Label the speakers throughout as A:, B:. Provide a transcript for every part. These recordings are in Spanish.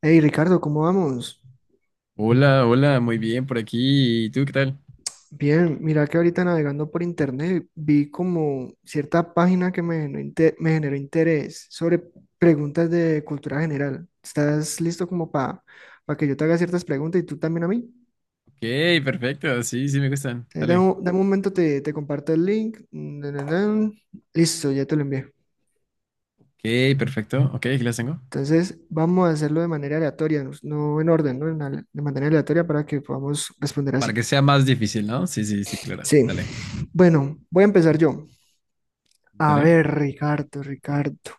A: Hey Ricardo, ¿cómo vamos?
B: Hola, hola, muy bien por aquí. ¿Y tú qué tal?
A: Bien, mira que ahorita navegando por internet vi como cierta página que me generó, me generó interés sobre preguntas de cultura general. ¿Estás listo como para que yo te haga ciertas preguntas y tú también a mí?
B: Ok, perfecto. Sí, sí, me gustan. Dale.
A: Dame un momento, te comparto el link. Na, na, na. Listo, ya te lo envié.
B: Ok, perfecto. Ok, aquí las tengo.
A: Entonces vamos a hacerlo de manera aleatoria, no en orden, ¿no? De manera aleatoria para que podamos responder
B: Para
A: así.
B: que sea más difícil, ¿no? Sí, sí, sí, claro.
A: Sí,
B: Dale,
A: bueno, voy a empezar yo. A
B: dale.
A: ver, Ricardo, Ricardo.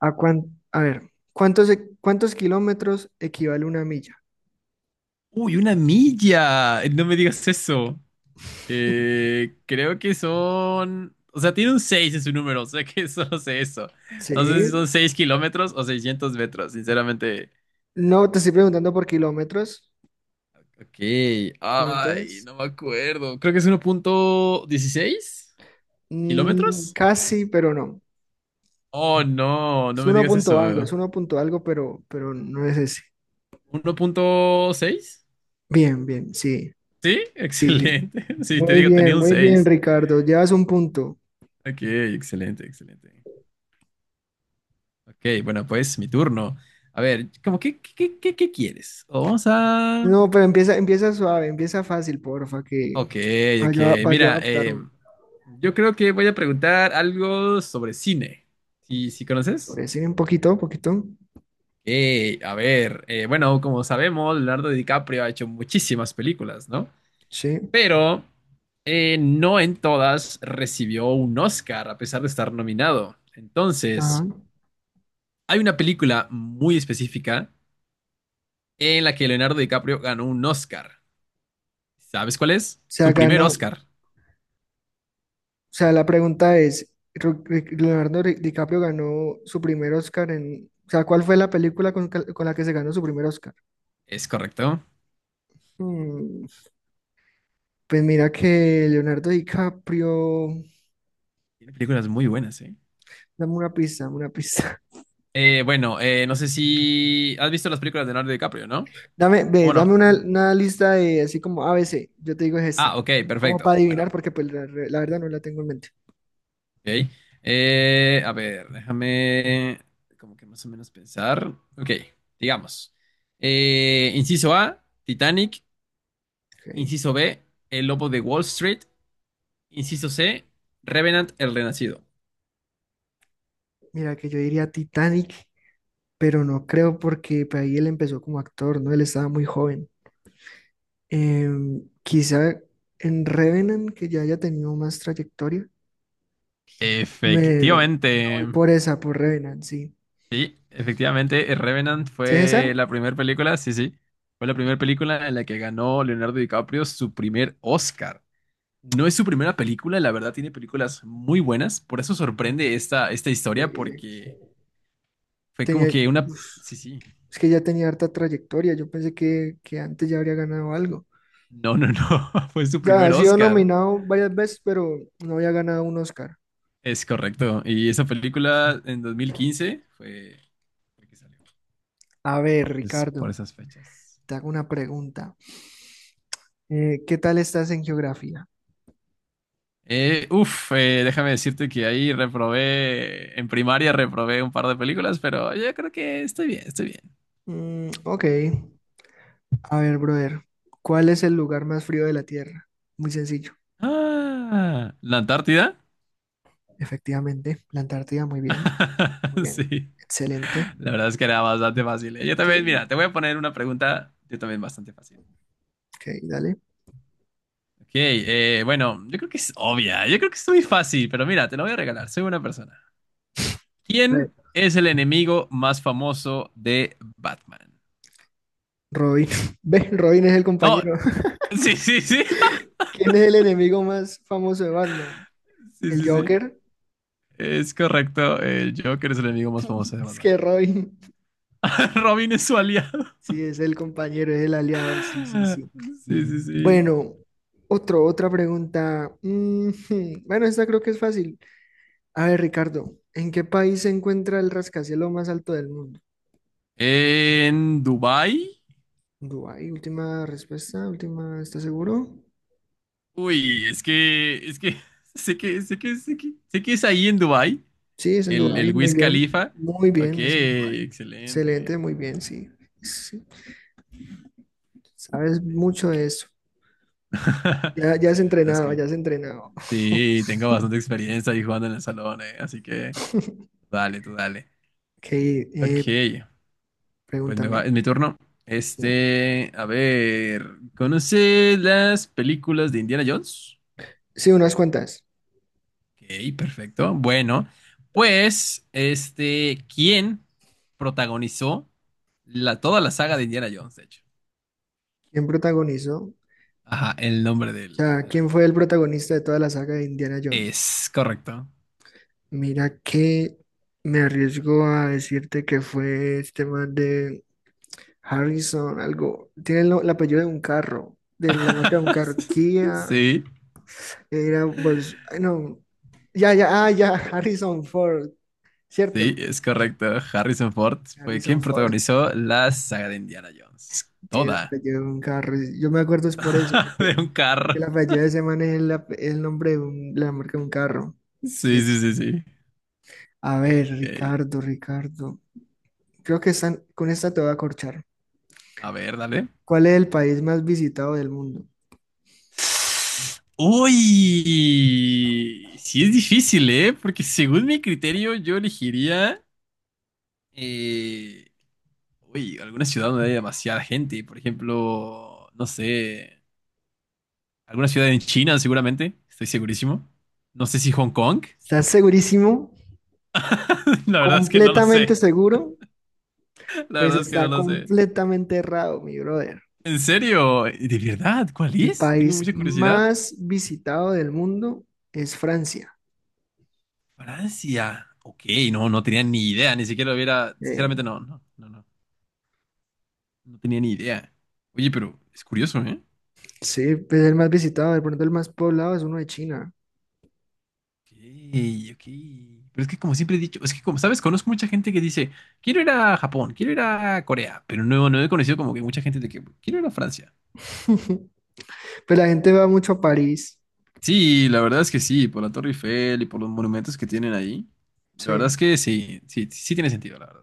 A: A, cuán- a ver, ¿cuántos, e- cuántos kilómetros equivale una milla?
B: Uy, una milla. No me digas eso. Creo que son... O sea, tiene un 6 en su número, o sea que solo sé eso. No sé si
A: Sí,
B: son seis kilómetros o seiscientos metros, sinceramente.
A: no te estoy preguntando por kilómetros.
B: Ok,
A: ¿Cuánto
B: ay,
A: es?
B: no me acuerdo. Creo que es uno punto dieciséis
A: Mm,
B: kilómetros.
A: casi, pero no.
B: Oh, no,
A: Es
B: no me
A: uno
B: digas
A: punto algo,
B: eso.
A: es uno punto algo, pero no es ese.
B: Uno punto seis.
A: Bien, bien, sí,
B: Sí,
A: sí, sí.
B: excelente. Sí, te digo, tenía un
A: Muy bien,
B: 6.
A: Ricardo. Llevas un punto.
B: Ok, excelente, excelente. Ok, bueno, pues mi turno. A ver, ¿cómo qué quieres? O vamos a...
A: No, pero empieza, empieza suave, empieza fácil, porfa, que
B: Ok,
A: para
B: ok.
A: yo, pa' yo
B: Mira,
A: adaptarme.
B: yo creo que voy a preguntar algo sobre cine. ¿Sí, sí conoces?
A: Sobre sí, un poquito, un poquito.
B: A ver, bueno, como sabemos, Leonardo DiCaprio ha hecho muchísimas películas, ¿no?
A: Sí.
B: Pero no en todas recibió un Oscar a pesar de estar nominado.
A: Ajá.
B: Entonces,
A: O
B: hay una película muy específica en la que Leonardo DiCaprio ganó un Oscar. ¿Sabes cuál es?
A: sea,
B: Su primer
A: ganó.
B: Oscar.
A: O sea, la pregunta es, Leonardo DiCaprio ganó su primer Oscar en... O sea, ¿cuál fue la película con la que se ganó su primer Oscar?
B: Es correcto.
A: Mm, pues mira que Leonardo DiCaprio...
B: Tiene películas muy buenas, ¿eh?
A: Dame una pista, dame una pista.
B: Bueno, no sé si has visto las películas de Leonardo DiCaprio, ¿no?
A: Dame,
B: O
A: ve, dame
B: bueno, mm,
A: una lista de así como ABC. Yo te digo es esta.
B: ah, ok,
A: Como para
B: perfecto.
A: adivinar,
B: Bueno,
A: porque pues la verdad no la tengo en mente.
B: ok. A ver, déjame como que más o menos pensar. Ok, digamos. Inciso A, Titanic.
A: Ok.
B: Inciso B, El Lobo de Wall Street. Inciso C, Revenant, el Renacido.
A: Mira que yo diría Titanic, pero no creo porque pues, ahí él empezó como actor, ¿no? Él estaba muy joven. Quizá en Revenant, que ya haya tenido más trayectoria, me, me voy
B: Efectivamente.
A: por esa, por Revenant, sí.
B: Sí, efectivamente, Revenant
A: ¿Sí es
B: fue
A: esa?
B: la primera película, sí, sí. Fue la primera película en la que ganó Leonardo DiCaprio su primer Oscar. No es
A: Ok,
B: su primera película, la verdad tiene películas muy buenas, por eso sorprende esta, esta historia,
A: increíble.
B: porque fue como
A: Tenía,
B: que una...
A: uf,
B: Sí, sí,
A: es que ya tenía harta trayectoria, yo pensé que antes ya habría ganado algo.
B: no, no, no, fue su
A: O sea, ha
B: primer
A: sido
B: Oscar,
A: nominado varias veces, pero no había ganado un Oscar.
B: es correcto, y esa película en 2015 fue la que salió,
A: A ver,
B: entonces por
A: Ricardo,
B: esas fechas.
A: te hago una pregunta. ¿Qué tal estás en geografía?
B: Déjame decirte que ahí reprobé, en primaria reprobé un par de películas, pero yo creo que estoy bien, estoy bien.
A: Mm, ok, a ver, brother, ¿cuál es el lugar más frío de la Tierra? Muy sencillo.
B: Ah, ¿la Antártida?
A: Efectivamente, la Antártida, muy bien,
B: Sí.
A: excelente.
B: La verdad es que era bastante fácil, ¿eh? Yo también,
A: Sí,
B: mira, te voy a poner una pregunta, yo también bastante fácil.
A: ok, dale.
B: Ok, bueno, yo creo que es obvia, yo creo que es muy fácil, pero mira, te lo voy a regalar, soy una persona.
A: A ver,
B: ¿Quién es el enemigo más famoso de Batman?
A: Robin. ¿Ves? Robin es el
B: No,
A: compañero.
B: sí, sí, sí,
A: ¿Quién es el enemigo más famoso de Batman?
B: sí,
A: ¿El
B: sí, sí.
A: Joker?
B: Es correcto, el Joker es el enemigo más famoso de
A: Es
B: Batman.
A: que Robin.
B: Robin es su aliado.
A: Sí, es el compañero, es el aliado. Sí, sí, sí.
B: Sí, sí, sí.
A: Bueno, otra pregunta. Ujú, bueno, esta creo que es fácil. A ver, Ricardo, ¿en qué país se encuentra el rascacielos más alto del mundo?
B: En Dubái.
A: Dubái, última respuesta, última, ¿estás seguro?
B: Uy, es que, sé que, sé que, sé que, sé que es ahí en Dubái,
A: Sí, es en Dubái,
B: el Wiz Khalifa.
A: muy
B: Ok,
A: bien, es en Dubái. Excelente,
B: excelente.
A: muy bien, sí. Sí, sabes mucho de eso. Ya, ya has
B: Sí, la verdad es
A: entrenado,
B: que
A: ya has entrenado.
B: sí, tengo bastante experiencia ahí jugando en el salón, así que dale, tú dale.
A: Ok,
B: Ok, pues me va,
A: pregúntame.
B: es mi turno.
A: Sí.
B: Este, a ver, ¿conoces las películas de Indiana Jones?
A: Sí, unas cuantas.
B: Ok, perfecto. Bueno, pues, este, ¿quién protagonizó la, toda la saga de Indiana Jones, de hecho?
A: ¿Quién protagonizó? O
B: Ajá, el nombre del,
A: sea,
B: del
A: ¿quién fue
B: actor.
A: el protagonista de toda la saga de Indiana Jones?
B: Es correcto.
A: Mira que me arriesgo a decirte que fue este man de Harrison, algo. Tiene el, el apellido de un carro, de la marca de un carro. Kia,
B: Sí,
A: era, pues, ay, no, ya, ya, ah, ya, Harrison Ford,
B: sí,
A: ¿cierto?
B: es correcto. Harrison Ford fue
A: Harrison
B: quien
A: Ford
B: protagonizó la saga de Indiana Jones.
A: tiene el
B: Toda.
A: apellido de un carro. Yo me acuerdo es por eso,
B: De
A: porque
B: un
A: el
B: carro.
A: apellido de ese man es el, el nombre la marca de un carro.
B: Sí,
A: Sí, sí.
B: sí, sí, sí.
A: A ver,
B: Ok,
A: Ricardo, Ricardo. Creo que están, con esta te voy a corchar.
B: a ver, dale.
A: ¿Cuál es el país más visitado del mundo?
B: Uy, sí es difícil, ¿eh? Porque según mi criterio yo elegiría, eh, alguna ciudad donde haya demasiada gente, por ejemplo, no sé, alguna ciudad en China seguramente, estoy segurísimo. No sé si Hong Kong,
A: ¿Estás segurísimo?
B: la verdad es que no lo
A: ¿Completamente
B: sé,
A: seguro?
B: la
A: Pues
B: verdad es que no
A: está
B: lo sé.
A: completamente errado, mi brother.
B: ¿En serio? ¿De verdad? ¿Cuál
A: El
B: es? Tengo
A: país
B: mucha curiosidad.
A: más visitado del mundo es Francia.
B: Francia. Ok, no, no tenía ni idea, ni siquiera lo hubiera,
A: Eh,
B: sinceramente no, no, no, no. No tenía ni idea. Oye, pero es curioso, ¿eh?
A: Sí, pues el más visitado, de pronto el más poblado es uno de China.
B: Ok, ok. Pero es que como siempre he dicho, es que como sabes, conozco mucha gente que dice, quiero ir a Japón, quiero ir a Corea, pero no, no he conocido como que mucha gente de que quiero ir a Francia.
A: Pues la gente va mucho a París.
B: Sí, la verdad es que sí, por la Torre Eiffel y por los monumentos que tienen ahí. La verdad
A: Sí.
B: es que sí, sí, sí tiene sentido, la verdad.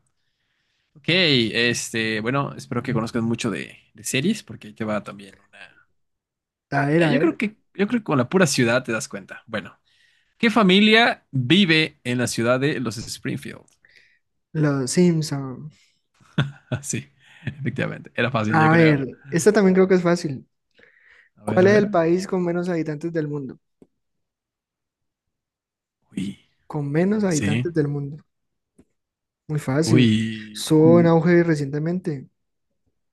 B: Ok, este, bueno, espero que conozcas mucho de series, porque ahí te va también una.
A: A ver, a
B: Yo creo
A: ver.
B: que, yo creo que con la pura ciudad te das cuenta. Bueno, ¿qué familia vive en la ciudad de los Springfield?
A: Los Simpson.
B: Sí, efectivamente. Era fácil, ya
A: A
B: creo.
A: ver, esta también creo que es fácil.
B: A ver,
A: ¿Cuál
B: a
A: es el
B: ver.
A: país con menos habitantes del mundo?
B: Uy,
A: Con menos
B: sí.
A: habitantes del mundo. Muy fácil.
B: Uy.
A: Estuvo en auge recientemente.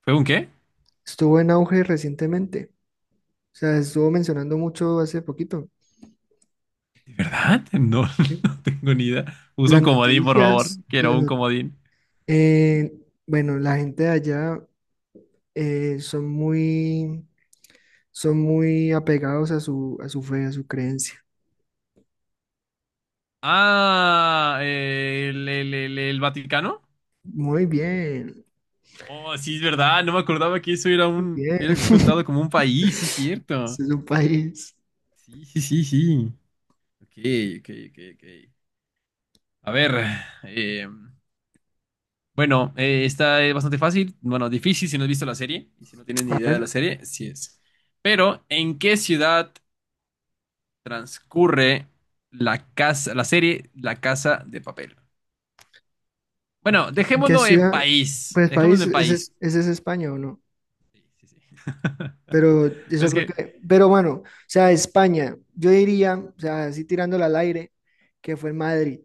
B: ¿Fue un qué?
A: Estuvo en auge recientemente. O sea, estuvo mencionando mucho hace poquito.
B: ¿De verdad? No,
A: ¿Sí?
B: no tengo ni idea. Usa
A: Las
B: un comodín, por favor.
A: noticias, en las
B: Quiero un comodín.
A: eh, bueno, la gente de allá eh, son muy son muy apegados a su fe, a su creencia.
B: Ah, el, el Vaticano.
A: Muy bien,
B: Oh, sí, es verdad. No me acordaba que eso era
A: muy
B: un.
A: bien.
B: Era descontado como un país, sí, es cierto.
A: Ese es un país.
B: Sí, sí, sí, sí. Ok, ok, ok, ok. A ver, eh, bueno, esta es bastante fácil, bueno, difícil si no has visto la serie y si no tienes ni
A: A
B: idea de la
A: ver,
B: serie, sí es. Pero, ¿en qué ciudad transcurre la casa, la serie La Casa de Papel? Bueno,
A: ¿en qué
B: dejémoslo en
A: ciudad?
B: país,
A: Pues
B: dejémoslo
A: país,
B: en país.
A: ese es España o no.
B: Sí, sí, sí.
A: Pero eso
B: Es
A: creo
B: que,
A: que, pero bueno, o sea, España, yo diría, o sea, así tirándola al aire, que fue en Madrid.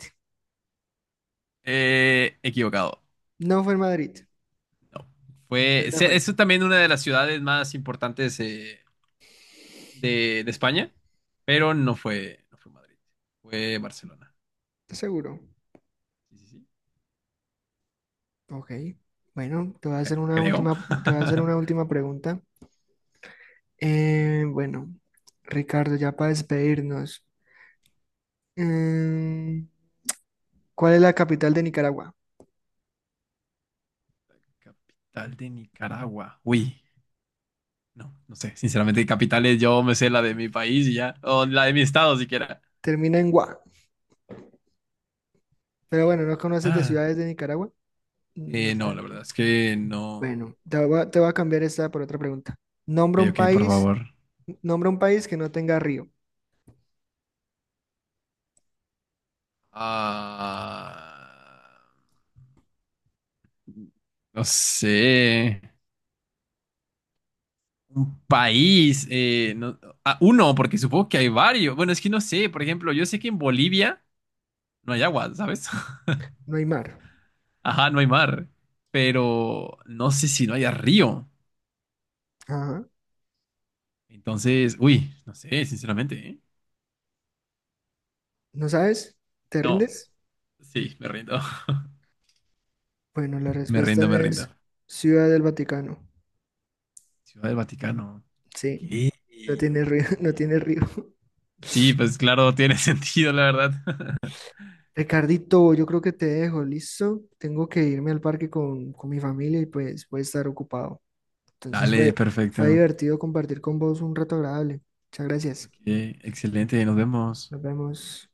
B: equivocado.
A: No fue en Madrid.
B: No. Fue,
A: ¿Dónde
B: se-
A: fue?
B: es también una de las ciudades más importantes de España, pero no fue, no fue Madrid, fue Barcelona.
A: ¿Estás seguro?
B: Sí, sí, sí,
A: Ok. Bueno, te voy a hacer una
B: creo.
A: última, te voy a hacer una última pregunta.
B: Eh,
A: Eh, bueno, Ricardo, ya para despedirnos. Mm, ¿cuál es la capital de Nicaragua?
B: capital de Nicaragua. Uy, no, no sé. Sinceramente, capitales, yo me sé la de mi país y ya. O la de mi estado siquiera.
A: Termina en Gua. Pero bueno,
B: En-
A: ¿no conoces de
B: ah,
A: ciudades de Nicaragua? No
B: no,
A: sabes
B: la
A: de
B: verdad
A: dónde.
B: es que no.
A: Bueno, te voy a cambiar esta por otra pregunta.
B: Ok,
A: Nombra un
B: ok, por
A: país,
B: favor.
A: nombra un país que no tenga río,
B: Ah, no sé. Un país, no- ah, uno, porque supongo que hay varios. Bueno, es que no sé. Por ejemplo, yo sé que en Bolivia no hay agua, ¿sabes?
A: no hay mar.
B: Ajá, no hay mar, pero no sé si no haya río.
A: Ajá.
B: Entonces, uy, no sé, sinceramente, ¿eh?
A: ¿No sabes? ¿Te
B: No,
A: rindes?
B: sí, me rindo.
A: Bueno, la
B: Me rindo,
A: respuesta
B: me rindo.
A: es Ciudad del Vaticano.
B: Ciudad del Vaticano.
A: Sí,
B: ¿Qué?
A: no tiene
B: Ok.
A: río, no tiene río.
B: Sí, pues claro, tiene sentido, la verdad.
A: Ricardito, yo creo que te dejo, ¿listo? Tengo que irme al parque con mi familia y pues voy a estar ocupado. Entonces
B: Dale,
A: fue, fue
B: perfecto.
A: divertido compartir con vos un rato agradable. Muchas gracias.
B: Ok, excelente, nos vemos.
A: Nos vemos.